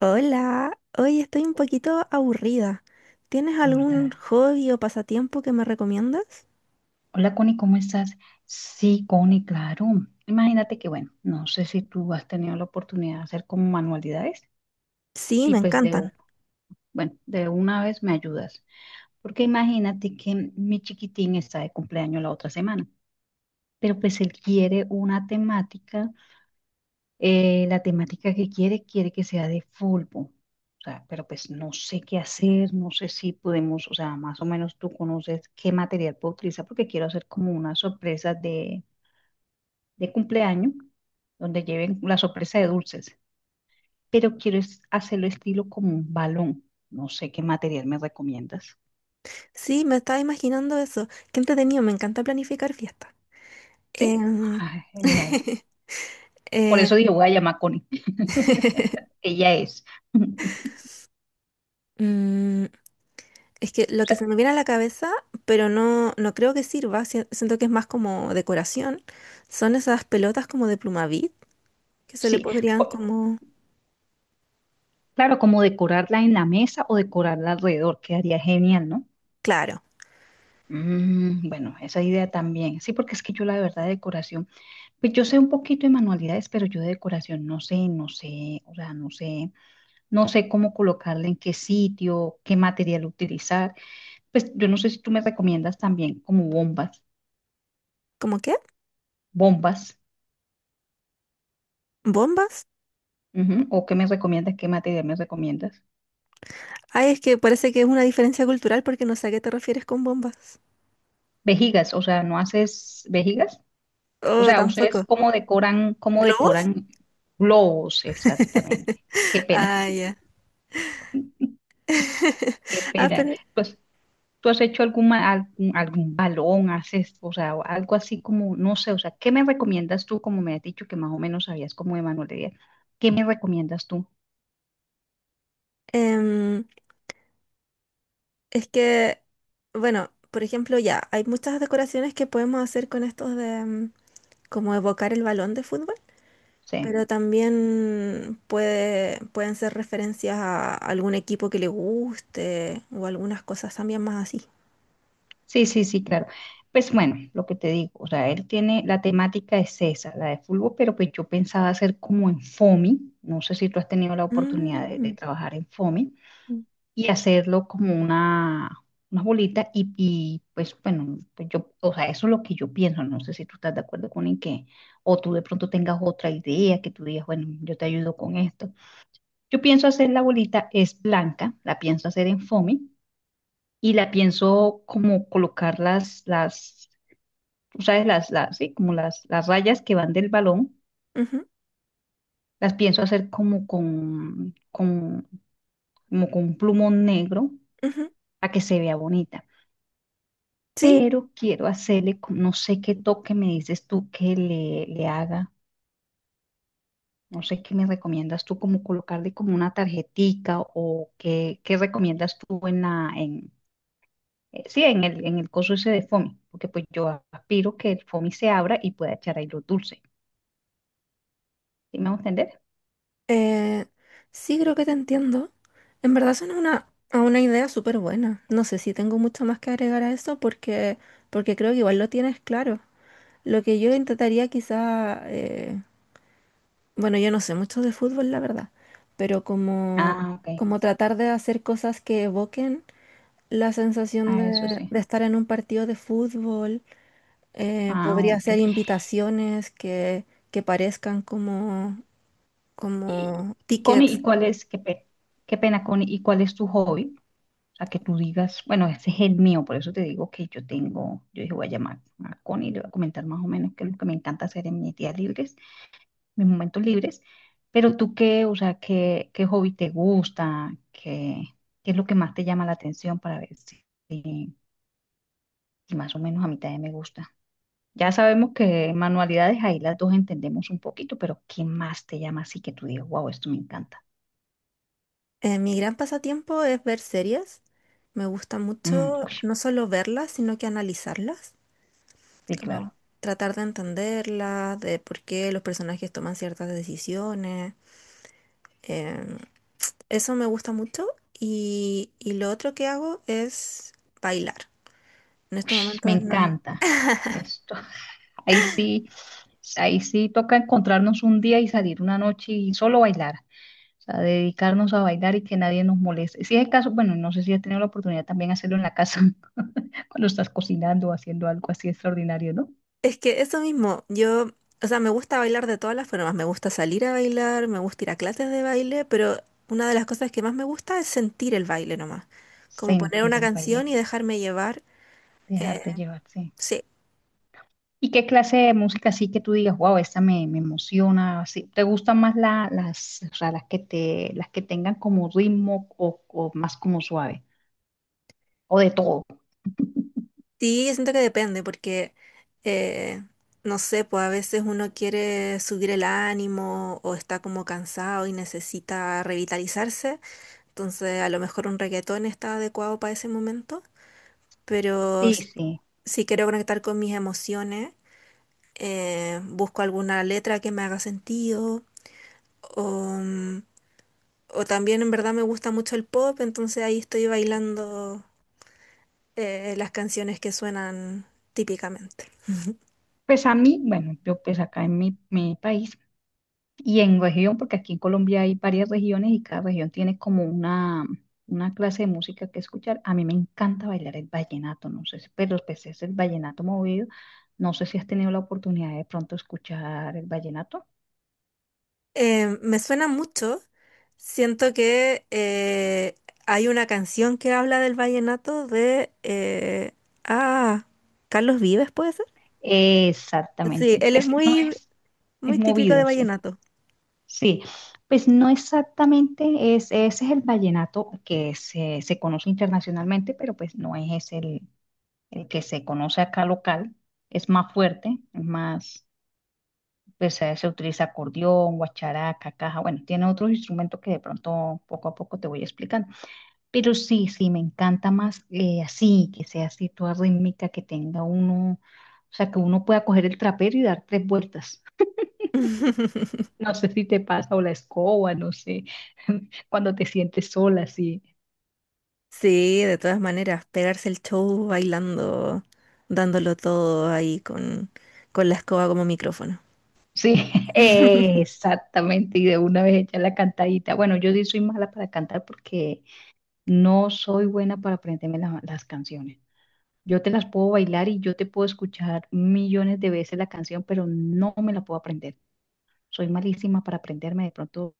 Hola, hoy estoy un poquito aburrida. ¿Tienes algún hobby o pasatiempo que me recomiendas? Hola, Connie, ¿cómo estás? Sí, Connie, claro. Imagínate que, bueno, no sé si tú has tenido la oportunidad de hacer como manualidades. Sí, me Pues de, u- encantan. bueno, de una vez me ayudas. Porque imagínate que mi chiquitín está de cumpleaños la otra semana, pero pues él quiere una temática. La temática que quiere, quiere que sea de fútbol. O sea, pero pues no sé qué hacer, no sé si podemos, o sea, más o menos tú conoces qué material puedo utilizar porque quiero hacer como una sorpresa de cumpleaños, donde lleven la sorpresa de dulces, pero quiero hacerlo estilo como un balón. No sé qué material me recomiendas. Sí, me estaba imaginando eso. Qué entretenido, me encanta planificar fiestas. Sí. Em, Ay, genial. Por eh, eso digo, voy a llamar a Connie. Ella es. mm, es que lo que se me viene a la cabeza, pero no creo que sirva, siento que es más como decoración, son esas pelotas como de Plumavit, que se le Sí, podrían como... claro, como decorarla en la mesa o decorarla alrededor, quedaría genial, ¿no? Claro, Mm, bueno, esa idea también. Sí, porque es que yo la verdad de decoración, pues yo sé un poquito de manualidades, pero yo de decoración no sé, no sé, o sea, no sé. No sé cómo colocarla, en qué sitio, qué material utilizar. Pues yo no sé si tú me recomiendas también como bombas, ¿como qué? bombas, ¿Bombas? ujú, o qué me recomiendas, qué material me recomiendas. Ay, es que parece que es una diferencia cultural porque no sé a qué te refieres con bombas. Vejigas, o sea, ¿no haces vejigas? O Oh, sea, ¿ustedes tampoco. Cómo ¿Globos? decoran globos? Esa, qué pena, Ah, ya. qué Ah, pena. pero Pues, ¿tú has hecho algún, algún, algún balón, haces, o sea, o algo así como, no sé, o sea, ¿qué me recomiendas tú? Como me has dicho que más o menos sabías como de manualidad, ¿qué me recomiendas tú? em, es que, bueno, por ejemplo, ya, hay muchas decoraciones que podemos hacer con estos de como evocar el balón de fútbol, Sí, pero también pueden ser referencias a algún equipo que le guste o algunas cosas también más así. sí, sí, sí, claro. Pues bueno, lo que te digo, o sea, él tiene, la temática es esa, la de fútbol, pero pues yo pensaba hacer como en FOMI, no sé si tú has tenido la oportunidad de Mm, trabajar en FOMI, y hacerlo como una bolita pues bueno, pues yo, o sea, eso es lo que yo pienso, no sé si tú estás de acuerdo con en que, o tú de pronto tengas otra idea que tú digas, bueno, yo te ayudo con esto. Yo pienso hacer la bolita, es blanca, la pienso hacer en FOMI y la pienso como colocar tú sabes, sí, como las rayas que van del balón, ujú, las pienso hacer como como con un plumón negro ujú. para que se vea bonita. Sí. Pero quiero hacerle, no sé qué toque me dices tú que le haga, no sé qué me recomiendas tú, como colocarle como una tarjetica o qué, qué recomiendas tú en sí, en en el coso ese de FOMI, porque pues yo aspiro que el FOMI se abra y pueda echar ahí los dulces. ¿Sí me va a entender? Eh, sí, creo que te entiendo. En verdad suena a una idea súper buena. No sé si tengo mucho más que agregar a eso porque, porque creo que igual lo tienes claro. Lo que yo intentaría quizá, bueno, yo no sé mucho de fútbol, la verdad, pero como, Ah, ok. como tratar de hacer cosas que evoquen la sensación Ah, eso es. De estar en un partido de fútbol. Ah, Podría ok. ser invitaciones que parezcan como, como Y Connie, tickets. ¿y cuál es, qué pena, Connie, ¿y cuál es tu hobby? O sea, que tú digas, bueno, ese es el mío, por eso te digo que yo tengo, yo dije, voy a llamar a Connie, le voy a comentar más o menos qué es lo que me encanta hacer en mis días libres, mis momentos libres. Pero tú qué, o sea, qué, qué hobby te gusta, qué, qué es lo que más te llama la atención para ver si, más o menos a mitad de me gusta. Ya sabemos que manualidades ahí las dos entendemos un poquito, pero ¿qué más te llama así que tú digas, wow, esto me encanta? Mi gran pasatiempo es ver series. Me gusta Mm, mucho no solo verlas, sino que analizarlas, sí, como claro. tratar de entenderlas, de por qué los personajes toman ciertas decisiones. Em, eso me gusta mucho. Y lo otro que hago es bailar. En estos Ush, me momentos no. encanta. Esto, ahí sí, ahí sí toca encontrarnos un día y salir una noche y solo bailar. O sea, dedicarnos a bailar y que nadie nos moleste. Si es el caso, bueno, no sé si has tenido la oportunidad también de hacerlo en la casa, cuando estás cocinando o haciendo algo así extraordinario, ¿no? Es que eso mismo, yo, o sea, me gusta bailar de todas las formas, me gusta salir a bailar, me gusta ir a clases de baile, pero una de las cosas que más me gusta es sentir el baile nomás, como poner una Sentir, canción y dejarme llevar. eh, dejarte llevar, sí. sí, ¿Y qué clase de música sí que tú digas, wow, esta me, me emociona? ¿Así? ¿Te gustan más las, o sea, las que te, las que tengan como ritmo o más como suave? ¿O de todo? sí, yo siento que depende, porque, eh, no sé, pues a veces uno quiere subir el ánimo o está como cansado y necesita revitalizarse, entonces a lo mejor un reggaetón está adecuado para ese momento, pero Sí, sí. si quiero conectar con mis emociones, busco alguna letra que me haga sentido, o, mm, o también en verdad me gusta mucho el pop, entonces ahí estoy bailando las canciones que suenan típicamente. Pues a mí, bueno, yo pues acá en mi país y en región, porque aquí en Colombia hay varias regiones y cada región tiene como una clase de música que escuchar. A mí me encanta bailar el vallenato, no sé si, pero pues es el vallenato movido. No sé si has tenido la oportunidad de pronto escuchar el vallenato. Me suena mucho, siento que hay una canción que habla del vallenato de... ah, Carlos Vives, ¿puede ser? Sí, Exactamente. él es muy, Es muy típico de movidas, vallenato. sí. Pues no exactamente, es, ese es el vallenato que se conoce internacionalmente, pero pues no es ese el que se conoce acá local. Es más fuerte, es más, pues se utiliza acordeón, guacharaca, caja, bueno, tiene otros instrumentos que de pronto poco a poco te voy explicando. Pero sí, sí, me encanta más así, que sea así toda rítmica, que tenga uno, o sea, que uno pueda coger el trapero y dar tres vueltas. No sé si te pasa o la escoba, no sé, cuando te sientes sola, sí. Sí, de todas maneras, pegarse el show bailando, dándolo todo ahí con la escoba como micrófono. Sí, exactamente, y de una vez echar la cantadita. Bueno, yo sí soy mala para cantar porque no soy buena para aprenderme las canciones. Yo te las puedo bailar y yo te puedo escuchar millones de veces la canción, pero no me la puedo aprender. Soy malísima para aprenderme de pronto,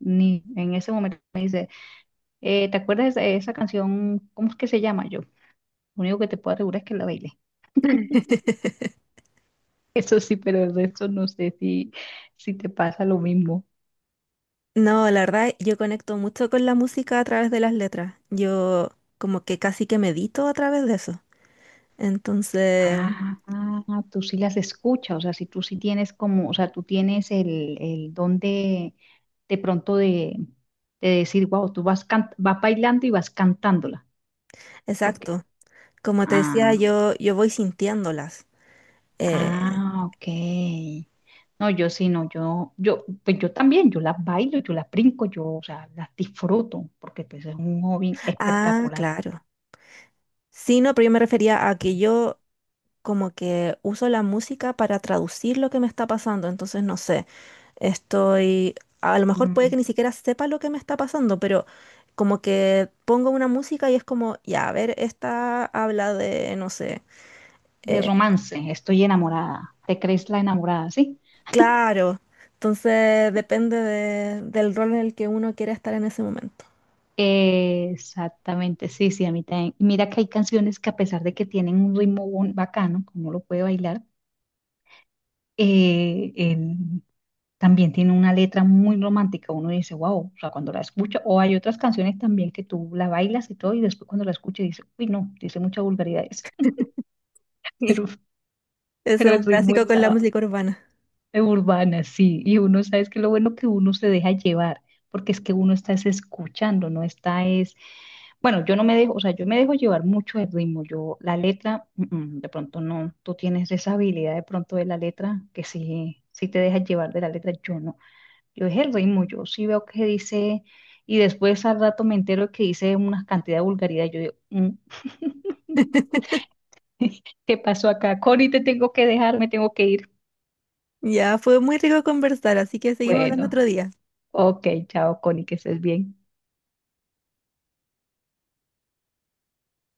ni en ese momento. ¿Te acuerdas de esa, esa canción? ¿Cómo es que se llama yo? Lo único que te puedo asegurar es que la baile. Eso sí, pero el resto no sé si, si te pasa lo mismo. No, la verdad, yo conecto mucho con la música a través de las letras. Yo como que casi que medito a través de eso. Entonces, Ah, ah, tú sí las escuchas, o sea, si tú sí tienes como, o sea, tú tienes el don de pronto de decir, wow, tú vas, vas bailando y vas cantándola. exacto. Como te decía, Ah, yo voy sintiéndolas. Eh, ah, ok. No, yo sí, no, yo, pues yo también, yo las bailo, yo las brinco, yo, o sea, las disfruto, porque pues es un hobby ah, claro. Sí, no, pero yo me refería a que yo como que uso la música para traducir lo que me está pasando, entonces no sé, estoy, a lo mejor puede que mm, ni siquiera sepa lo que me está pasando, pero como que pongo una música y es como, ya, a ver, esta habla de, no sé, de eh, romance, estoy enamorada, te crees la enamorada, ¿sí? claro, entonces depende del rol en el que uno quiera estar en ese momento. Exactamente, sí, sí, a mí también. Mira que hay canciones que a pesar de que tienen un ritmo bacano, como lo puede bailar, eh, el- también tiene una letra muy romántica. Uno dice, wow, o sea, cuando la escucha, o hay otras canciones también que tú la bailas y todo, y después cuando la escuchas dice, uy, no, dice muchas vulgaridades, pero, Eso pero es un el ritmo clásico con la está música urbana. urbana, sí, y uno sabe que lo bueno que uno se deja llevar, porque es que uno está es escuchando, no está es, bueno, yo no me dejo, o sea, yo me dejo llevar mucho el ritmo, yo la letra, mm, mm, de pronto no, tú tienes esa habilidad de pronto de la letra, que sí, sí te dejas llevar de la letra, yo no, yo es el ritmo, yo sí veo que dice, y después al rato me entero que dice una cantidad de vulgaridad, yo digo, "Mm, ¿qué pasó acá? Connie, te tengo que dejar, me tengo que ir. Ya, fue muy rico conversar, así que seguimos hablando Bueno, otro día. ok, chao, Connie, que estés bien.